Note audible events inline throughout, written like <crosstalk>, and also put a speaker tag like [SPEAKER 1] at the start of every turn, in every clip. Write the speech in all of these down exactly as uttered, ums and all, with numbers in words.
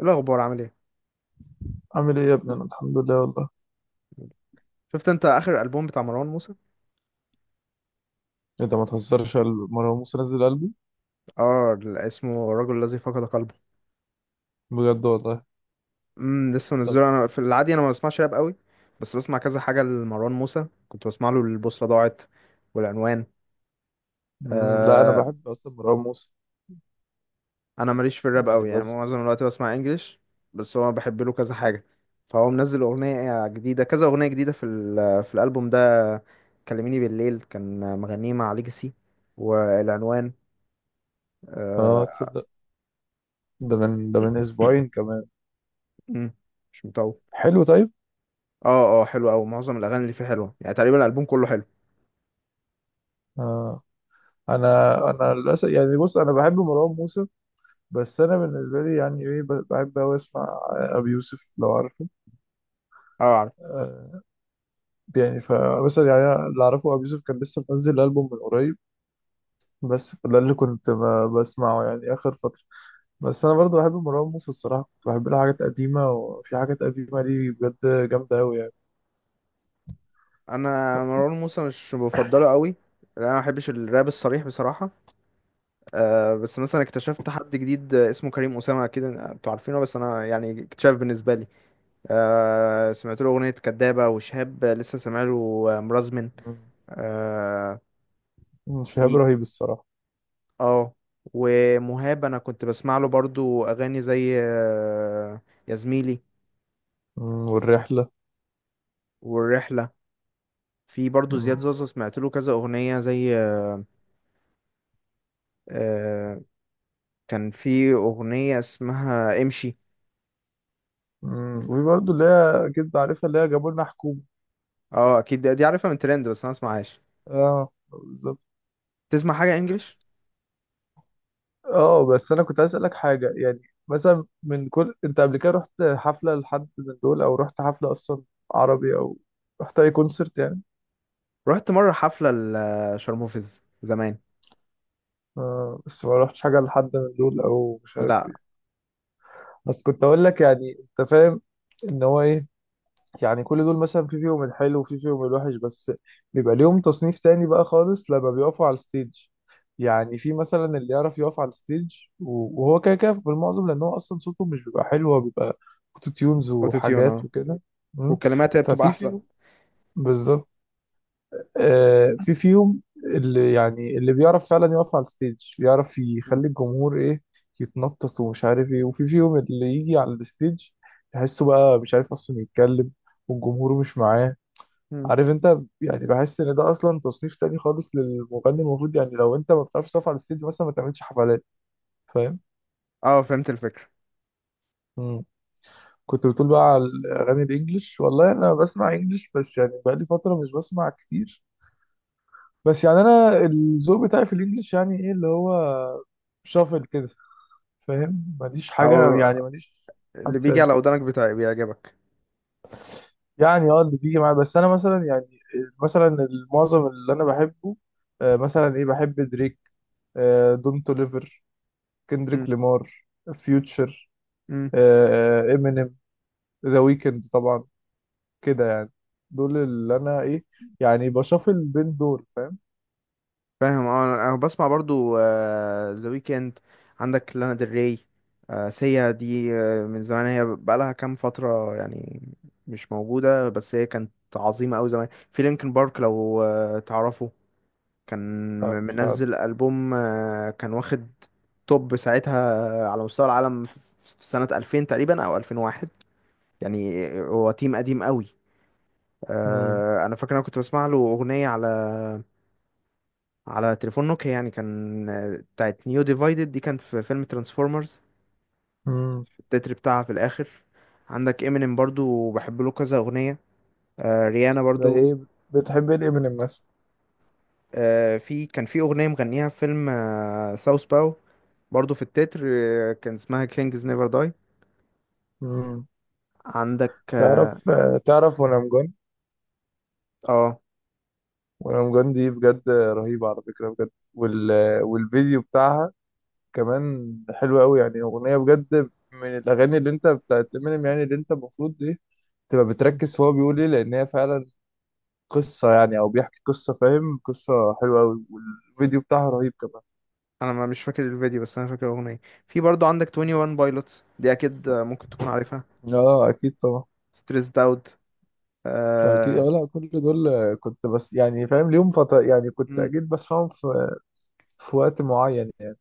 [SPEAKER 1] إيه الاخبار؟ عامل ايه؟
[SPEAKER 2] عامل ايه يا ابني، انا الحمد لله والله.
[SPEAKER 1] شفت انت اخر البوم بتاع مروان موسى؟
[SPEAKER 2] انت ما تهزرش قلبي، مروان موسى نزل قلبي
[SPEAKER 1] اه ال- اسمه الرجل الذي فقد قلبه.
[SPEAKER 2] بجد والله.
[SPEAKER 1] امم لسه
[SPEAKER 2] طب.
[SPEAKER 1] منزله. انا في العادي انا ما بسمعش راب قوي، بس بسمع كذا حاجه لمروان موسى، كنت بسمع له البوصله ضاعت والعنوان.
[SPEAKER 2] مم، لا انا
[SPEAKER 1] آه،
[SPEAKER 2] بحب اصلا مروان موسى.
[SPEAKER 1] انا ماليش في الراب
[SPEAKER 2] يعني
[SPEAKER 1] قوي، يعني
[SPEAKER 2] بس.
[SPEAKER 1] معظم الوقت بسمع انجليش، بس هو بحب له كذا حاجه. فهو منزل اغنيه جديده كذا اغنيه جديده في ال- في الالبوم ده. كلميني بالليل كان مغنيه مع ليجاسي والعنوان.
[SPEAKER 2] اه،
[SPEAKER 1] آه.
[SPEAKER 2] تصدق، ده من ده من اسبوعين كمان.
[SPEAKER 1] <clears throat> مش مطول.
[SPEAKER 2] حلو، طيب.
[SPEAKER 1] اه اه حلو قوي، معظم الاغاني اللي فيه حلوه، يعني تقريبا الالبوم كله حلو.
[SPEAKER 2] اه، انا انا للاسف، يعني بص، انا بحب مروان موسى. بس انا بالنسبه لي يعني ايه، ب- بحب اوي اسمع ابي يوسف لو عارفه.
[SPEAKER 1] اه عارف.
[SPEAKER 2] آه. يعني فمثلا، يعني أنا اللي اعرفه، ابي يوسف كان لسه منزل البوم من قريب. بس ده اللي كنت ب- بسمعه يعني اخر فتره. بس انا برضو بحب مروان موسى الصراحه، كنت بحب له حاجات قديمه، وفي حاجات قديمه ليه بجد جامده قوي يعني.
[SPEAKER 1] انا مروان موسى مش بفضله قوي، لأن انا ما بحبش الراب الصريح بصراحه. آه، بس مثلا اكتشفت حد جديد اسمه كريم اسامه، اكيد انتوا عارفينه، بس انا يعني اكتشاف بالنسبه لي. آه، سمعت له اغنيه كدابه وشهاب لسه سامع له مرزمن.
[SPEAKER 2] مم.
[SPEAKER 1] اه.
[SPEAKER 2] مم، شهاب
[SPEAKER 1] ي-
[SPEAKER 2] رهيب الصراحه.
[SPEAKER 1] آه. ومهاب انا كنت بسمع له برضو اغاني زي آه، يا زميلي.
[SPEAKER 2] مم، والرحله.
[SPEAKER 1] والرحله. في برضو زياد
[SPEAKER 2] مم.
[SPEAKER 1] زازا سمعت له كذا أغنية زي آه، آه، كان في أغنية اسمها امشي.
[SPEAKER 2] مم، وفي برضو اللي هي اكيد عارفها، اللي هي جابوا لنا حكومه.
[SPEAKER 1] اه أكيد دي عارفها من ترند، بس أنا مسمعهاش.
[SPEAKER 2] اه، بالظبط.
[SPEAKER 1] تسمع حاجة إنجليش؟
[SPEAKER 2] اه، بس انا كنت عايز اسالك حاجه يعني. مثلا من كل، انت قبل كده رحت حفله لحد من دول، او رحت حفله اصلا؟ عربي او رحت اي كونسرت يعني؟
[SPEAKER 1] رحت مرة حفلة لشارموفيز زمان.
[SPEAKER 2] آه، بس ما رحتش حاجه لحد من دول، او مش عارف
[SPEAKER 1] لا.
[SPEAKER 2] ايه. بس كنت اقول لك، يعني انت فاهم ان هو ايه، يعني كل دول مثلا في فيهم الحلو وفي فيهم الوحش، بس بيبقى ليهم تصنيف تاني بقى خالص لما بيقفوا على الستيج. يعني في مثلا اللي يعرف يقف على الستيج، و- وهو كده كده بالمعظم، لان هو اصلا صوته مش بيبقى حلو، هو بيبقى اوتو تيونز
[SPEAKER 1] أوتوتيون،
[SPEAKER 2] وحاجات
[SPEAKER 1] اه.
[SPEAKER 2] وكده. مم.
[SPEAKER 1] والكلمات هي بتبقى
[SPEAKER 2] ففي
[SPEAKER 1] أحسن.
[SPEAKER 2] فيهم، بالظبط. آه، في فيهم اللي يعني اللي بيعرف فعلا يقف على الستيج، بيعرف
[SPEAKER 1] مم.
[SPEAKER 2] يخلي الجمهور ايه، يتنطط ومش عارف ايه. وفي فيهم اللي يجي على الستيج تحسه بقى مش عارف اصلا يتكلم، والجمهور مش معاه.
[SPEAKER 1] مم.
[SPEAKER 2] عارف انت يعني، بحس ان ده اصلا تصنيف تاني خالص للمغني، المفروض يعني لو انت ما بتعرفش تقف على الستيج مثلا ما تعملش حفلات. فاهم.
[SPEAKER 1] اه فهمت الفكرة.
[SPEAKER 2] مم. كنت بتقول بقى على الاغاني الانجليش. والله انا بسمع انجليش، بس يعني بقالي فتره مش بسمع كتير. بس يعني انا الذوق بتاعي في الانجليش يعني ايه، اللي هو شافل كده، فاهم. ماليش حاجه،
[SPEAKER 1] أو
[SPEAKER 2] يعني ماليش
[SPEAKER 1] اللي
[SPEAKER 2] حد
[SPEAKER 1] بيجي
[SPEAKER 2] ثابت.
[SPEAKER 1] على ودانك بتاعي بيعجبك.
[SPEAKER 2] يعني اه، اللي بيجي معايا. بس انا مثلا يعني، مثلا المعظم اللي انا بحبه، آه، مثلا ايه، بحب دريك، آه، دون توليفر،
[SPEAKER 1] مم.
[SPEAKER 2] كندريك لامار، فيوتشر،
[SPEAKER 1] مم.
[SPEAKER 2] امينيم، ذا ويكند طبعا، كده يعني. دول اللي انا ايه، يعني بشوفل بين دول، فاهم.
[SPEAKER 1] فاهم اه. انا أنا بسمع برضو ذا ويكند. عندك لانا ديل ري، آه، سيا دي آه، من زمان، هي بقالها كام فترة يعني مش موجودة، بس هي كانت عظيمة أوي زمان. في لينكن بارك لو آه، تعرفه، كان
[SPEAKER 2] لا
[SPEAKER 1] م-
[SPEAKER 2] مش عارف.
[SPEAKER 1] منزل ألبوم آه، كان واخد توب ساعتها آه، على مستوى العالم، في في سنة ألفين تقريبا أو ألفين وواحد يعني، آه، هو تيم قديم أوي.
[SPEAKER 2] مم.
[SPEAKER 1] آه، أنا فاكر أنا كنت بسمع له أغنية على على تليفون نوكيا يعني، كان آه، بتاعت نيو ديفايدد، دي كانت في فيلم ترانسفورمرز،
[SPEAKER 2] مم.
[SPEAKER 1] التتر بتاعها في الاخر. عندك امينيم برضو بحب له كذا اغنيه. آه ريانا
[SPEAKER 2] زي
[SPEAKER 1] برضو.
[SPEAKER 2] ايه؟ بتحب ايه امينيم مثلا؟
[SPEAKER 1] آه، في كان في اغنيه مغنيها في فيلم آه ساوث باو برضو، في التتر آه كان اسمها كينجز نيفر داي.
[SPEAKER 2] مم.
[SPEAKER 1] عندك اه
[SPEAKER 2] تعرف آه، تعرف وانا مجن.
[SPEAKER 1] آه،
[SPEAKER 2] وانا مجن دي بجد رهيبة على فكرة، بجد، وال... والفيديو بتاعها كمان حلو قوي، يعني اغنية بجد من الاغاني اللي انت بتاعت امينيم، يعني اللي انت المفروض ايه، تبقى بتركز في هو بيقول ايه، لان هي فعلا قصة، يعني أو بيحكي قصة، فاهم، قصة حلوة أوي، والفيديو بتاعها رهيب كمان.
[SPEAKER 1] انا ما مش فاكر الفيديو بس انا فاكر الاغنيه. في برضو عندك ترنتي وان بايلوتس دي اكيد آه، ممكن تكون عارفها،
[SPEAKER 2] اه، اكيد طبعا.
[SPEAKER 1] ستريسد اوت
[SPEAKER 2] اكيد اه،
[SPEAKER 1] آه.
[SPEAKER 2] لا كل دول آه، كنت بس يعني فاهم، ليهم فترة يعني، كنت اكيد بسمعهم في في وقت معين يعني.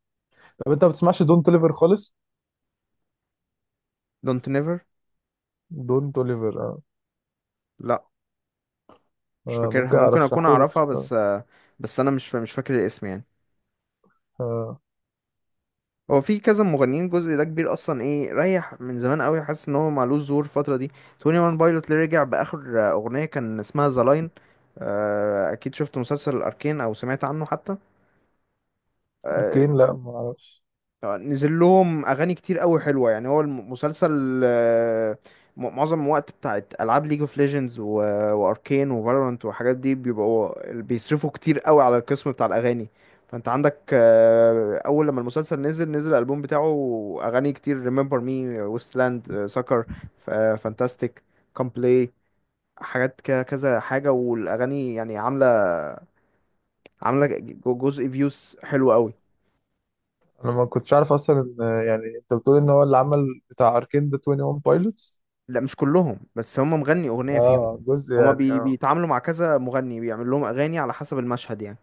[SPEAKER 2] طب انت ما بتسمعش دون توليفر خالص؟
[SPEAKER 1] دونت نيفر.
[SPEAKER 2] دون توليفر، اه.
[SPEAKER 1] لا مش
[SPEAKER 2] آه
[SPEAKER 1] فاكرها،
[SPEAKER 2] ممكن
[SPEAKER 1] ممكن اكون
[SPEAKER 2] ارشحهولك
[SPEAKER 1] اعرفها
[SPEAKER 2] الصراحة.
[SPEAKER 1] بس آه، بس انا مش فا- مش فاكر الاسم يعني.
[SPEAKER 2] آه.
[SPEAKER 1] هو في كذا مغنيين الجزء ده كبير اصلا، ايه ريح من زمان قوي، حاسس ان هو معلوش ظهور الفتره دي. ترنتي وان بايلوت اللي رجع باخر آه، اغنيه كان اسمها ذا لاين. اكيد شفت مسلسل الاركين او سمعت عنه حتى. آه،
[SPEAKER 2] اركين، لا ما اعرفش.
[SPEAKER 1] نزل لهم اغاني كتير قوي حلوه يعني، هو المسلسل آه، م- معظم الوقت بتاعت العاب ليج اوف ليجندز واركين وفالورانت والحاجات دي بيبقوا بيصرفوا كتير قوي على القسم بتاع الاغاني. فانت عندك آه، اول لما المسلسل نزل نزل الالبوم بتاعه، اغاني كتير: ريمبر مي، ويست لاند، سكر، فانتاستيك، كام بلاي، حاجات ك- كذا حاجه. والاغاني يعني عامله عامله ج- جزء فيوز حلو قوي.
[SPEAKER 2] انا ما كنتش عارف اصلا ان آه، يعني انت بتقول ان هو اللي عمل بتاع اركين ده تونتي ون بايلوتس.
[SPEAKER 1] لا مش كلهم، بس هم مغني اغنيه فيهم.
[SPEAKER 2] اه، جزء
[SPEAKER 1] هما
[SPEAKER 2] يعني
[SPEAKER 1] بي...
[SPEAKER 2] اه.
[SPEAKER 1] بيتعاملوا مع كذا مغني بيعمل لهم اغاني على حسب المشهد يعني.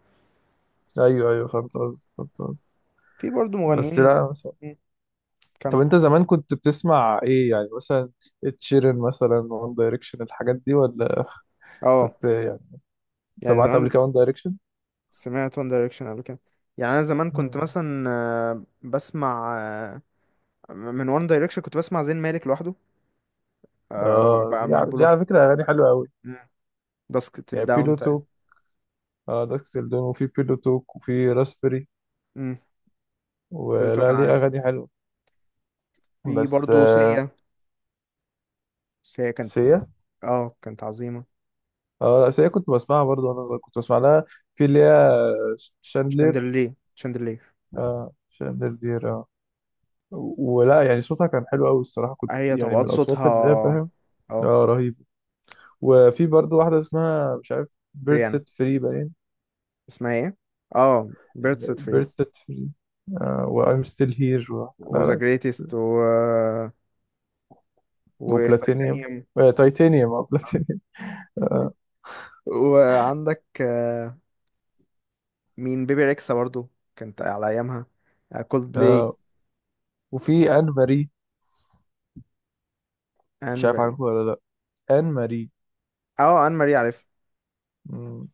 [SPEAKER 2] ايوه ايوه، فهمت قصدي، فهمت قصدي.
[SPEAKER 1] في برضو
[SPEAKER 2] بس
[SPEAKER 1] مغنيين ز...
[SPEAKER 2] لا.
[SPEAKER 1] مم،
[SPEAKER 2] طب
[SPEAKER 1] كم.
[SPEAKER 2] انت زمان كنت بتسمع ايه يعني مثلا؟ تشيرن مثلا، وان دايركشن، الحاجات دي ولا؟
[SPEAKER 1] اه.
[SPEAKER 2] كنت يعني
[SPEAKER 1] يعني
[SPEAKER 2] سمعت قبل
[SPEAKER 1] زمان
[SPEAKER 2] كده وان دايركشن.
[SPEAKER 1] سمعت وان دايركشن قبل كده. يعني انا زمان كنت مثلا آه، بسمع آه، من وان دايركشن كنت بسمع زين مالك لوحده، آه،
[SPEAKER 2] اه،
[SPEAKER 1] ب-
[SPEAKER 2] دي على
[SPEAKER 1] بحبه
[SPEAKER 2] دي على
[SPEAKER 1] لوحده.
[SPEAKER 2] فكرة اغاني حلوة قوي،
[SPEAKER 1] داسك تيل
[SPEAKER 2] يعني
[SPEAKER 1] داون
[SPEAKER 2] بيلو
[SPEAKER 1] تقريبا.
[SPEAKER 2] توك. اه، داكسل دون، وفي بيلو توك، وفي راسبري
[SPEAKER 1] امم بلوتو
[SPEAKER 2] ولا،
[SPEAKER 1] كان
[SPEAKER 2] ليه
[SPEAKER 1] عارف.
[SPEAKER 2] اغاني حلوة.
[SPEAKER 1] في
[SPEAKER 2] بس،
[SPEAKER 1] برضه
[SPEAKER 2] آه
[SPEAKER 1] سيا. سيا كانت،
[SPEAKER 2] سيا.
[SPEAKER 1] اه كانت عظيمه.
[SPEAKER 2] اه، لا، سيا كنت بسمعها برضه وانا صغير، كنت بسمع لها في اللي هي شاندلير.
[SPEAKER 1] شاندلير، شاندلير.
[SPEAKER 2] اه، شاندلير اه. ولا يعني صوتها كان حلو قوي الصراحة، كنت
[SPEAKER 1] هي
[SPEAKER 2] يعني من
[SPEAKER 1] طبقات
[SPEAKER 2] الاصوات اللي هي
[SPEAKER 1] صوتها
[SPEAKER 2] فاهم.
[SPEAKER 1] اه.
[SPEAKER 2] اه، رهيب. وفي برضه واحدة اسمها مش عارف، بيرد
[SPEAKER 1] ريانا.
[SPEAKER 2] سيت فري باين،
[SPEAKER 1] اسمها ايه؟ اه بيرد سيت فري.
[SPEAKER 2] بيرد سيت فري، وأيم ستيل هير و... لا
[SPEAKER 1] وذا
[SPEAKER 2] لا.
[SPEAKER 1] جريتست، و
[SPEAKER 2] وبلاتينيوم.
[SPEAKER 1] وتايتانيوم.
[SPEAKER 2] آه، تايتانيوم، اه بلاتينيوم.
[SPEAKER 1] وعندك آه، مين بيبي ريكسا برضو، كانت على ايامها. كولد
[SPEAKER 2] <laughs>
[SPEAKER 1] بلاي.
[SPEAKER 2] آه. وفي آن ماري.
[SPEAKER 1] ان
[SPEAKER 2] مش عارف
[SPEAKER 1] ماري.
[SPEAKER 2] عارفه ولا لا. آن ماري.
[SPEAKER 1] اه ان ماري عارف.
[SPEAKER 2] مم.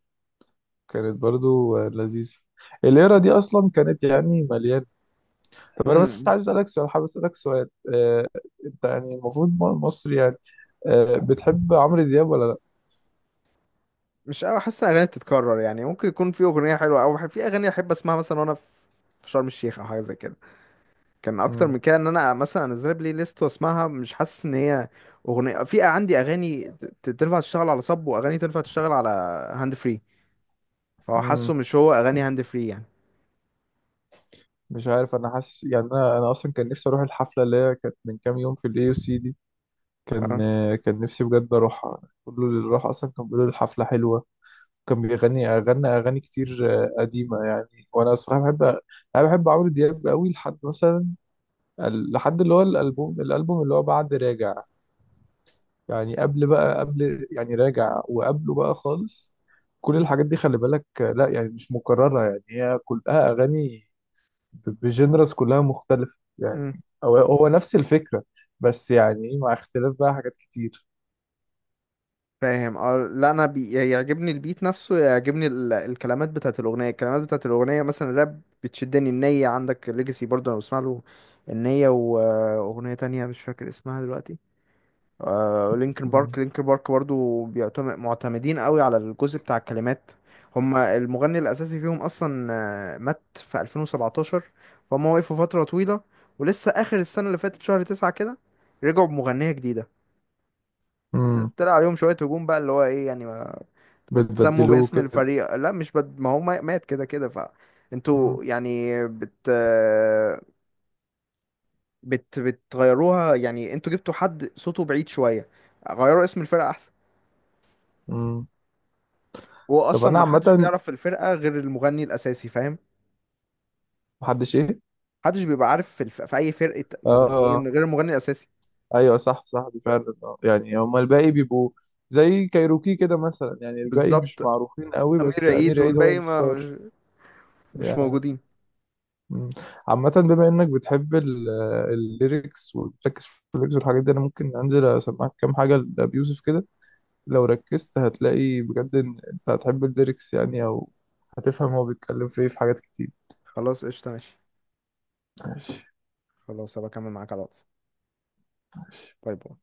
[SPEAKER 2] كانت برضه آه، لذيذة. الليرة دي أصلا كانت يعني مليانة. طب أنا بس
[SPEAKER 1] امم.
[SPEAKER 2] عايز أسألك سؤال، حابب أسألك سؤال، آه، أنت يعني المفروض م- مصري يعني، آه، بتحب عمرو دياب ولا لا؟
[SPEAKER 1] مش قوي، حاسس ان الاغاني بتتكرر يعني، ممكن يكون في اغنيه حلوه او في اغاني احب اسمعها مثلا وانا في في شرم الشيخ او حاجه زي كده. كان اكتر
[SPEAKER 2] مم.
[SPEAKER 1] من كده ان انا مثلا انزلها بلاي ليست واسمعها، مش حاسس ان هي اغنيه. في عندي اغاني ت- تنفع تشتغل على صب، واغاني تنفع تشتغل على هاند فري، فهو حاسه
[SPEAKER 2] مم.
[SPEAKER 1] مش هو اغاني هاند فري يعني.
[SPEAKER 2] مش عارف، انا حاسس يعني، انا انا اصلا كان نفسي اروح الحفله اللي هي كانت من كام يوم في الاي سي دي. كان.
[SPEAKER 1] اه.
[SPEAKER 2] كان نفسي بجد اروحها، كله اللي راح اصلا كان بيقول الحفله حلوه، كان بيغني اغنى اغاني كتير آه، قديمه يعني، وانا الصراحه بحب، انا بحب عمرو دياب قوي لحد مثلا، ال- لحد اللي هو الالبوم الالبوم اللي هو بعد راجع، يعني قبل بقى، قبل يعني راجع وقبله بقى خالص. كل
[SPEAKER 1] مم.
[SPEAKER 2] الحاجات دي، خلي بالك، آه لا يعني مش مكرره، يعني هي كلها اغاني بجنرس، كلها مختلفة
[SPEAKER 1] مم.
[SPEAKER 2] يعني، هو هو نفس الفكرة، بس يعني إيه، مع اختلاف بقى حاجات كتير.
[SPEAKER 1] فاهم اه. لا انا بي... يعجبني البيت نفسه، يعجبني ال... الكلمات بتاعت الاغنيه، الكلمات بتاعت الاغنيه مثلا الراب بتشدني. النية، عندك ليجاسي برضه انا بسمع له النية واغنيه تانية مش فاكر اسمها دلوقتي. آه لينكن
[SPEAKER 2] مم.
[SPEAKER 1] بارك، لينكن بارك برضو بيعتمد معتمدين قوي على الجزء بتاع الكلمات. هما المغني الأساسي فيهم أصلا آه، مات في ألفين وسبعتاشر، فهم وقفوا فترة طويلة. ولسه آخر السنة اللي فاتت شهر تسعة كده رجعوا بمغنية جديدة.
[SPEAKER 2] مم.
[SPEAKER 1] طلع عليهم شوية هجوم بقى اللي هو إيه يعني، ما, ما تسموا
[SPEAKER 2] بتبدلوه
[SPEAKER 1] باسم
[SPEAKER 2] كده.
[SPEAKER 1] الفريق. لا مش بد... ما هو ما- مات كده كده ف
[SPEAKER 2] مم.
[SPEAKER 1] انتوا يعني بت آه، بت بتغيروها، يعني انتوا جبتوا حد صوته بعيد شوية، غيروا اسم الفرقة.
[SPEAKER 2] مم. طب
[SPEAKER 1] واصلا
[SPEAKER 2] أنا
[SPEAKER 1] ما حدش
[SPEAKER 2] عامة،
[SPEAKER 1] بيعرف في الفرقه غير المغني الاساسي، فاهم؟
[SPEAKER 2] محدش إيه؟
[SPEAKER 1] محدش بيبقى عارف في، الف... في اي فرقه
[SPEAKER 2] آه.
[SPEAKER 1] مغنيين
[SPEAKER 2] آه.
[SPEAKER 1] غير المغني الاساسي.
[SPEAKER 2] أيوه، صح صح، دي فعلا آه. يعني هما الباقي بيبقوا زي كايروكي كده مثلا، يعني الباقي مش
[SPEAKER 1] بالظبط.
[SPEAKER 2] معروفين قوي،
[SPEAKER 1] امير
[SPEAKER 2] بس
[SPEAKER 1] عيد
[SPEAKER 2] أمير عيد هو
[SPEAKER 1] والباقي ما
[SPEAKER 2] الستار.
[SPEAKER 1] مش, مش
[SPEAKER 2] يعني.
[SPEAKER 1] موجودين.
[SPEAKER 2] مم. عامة، بما إنك بتحب ال- الليركس وبتركز في الليركس والحاجات دي، أنا ممكن أنزل أسمعك كام حاجة لأبي يوسف كده. لو ركزت هتلاقي بجد ان انت هتحب الليركس، يعني او هتفهم هو بيتكلم في ايه، في حاجات كتير.
[SPEAKER 1] خلاص قشطه ماشي،
[SPEAKER 2] ماشي.
[SPEAKER 1] خلاص هبقى اكمل معاك على الواتس.
[SPEAKER 2] ماشي.
[SPEAKER 1] باي باي.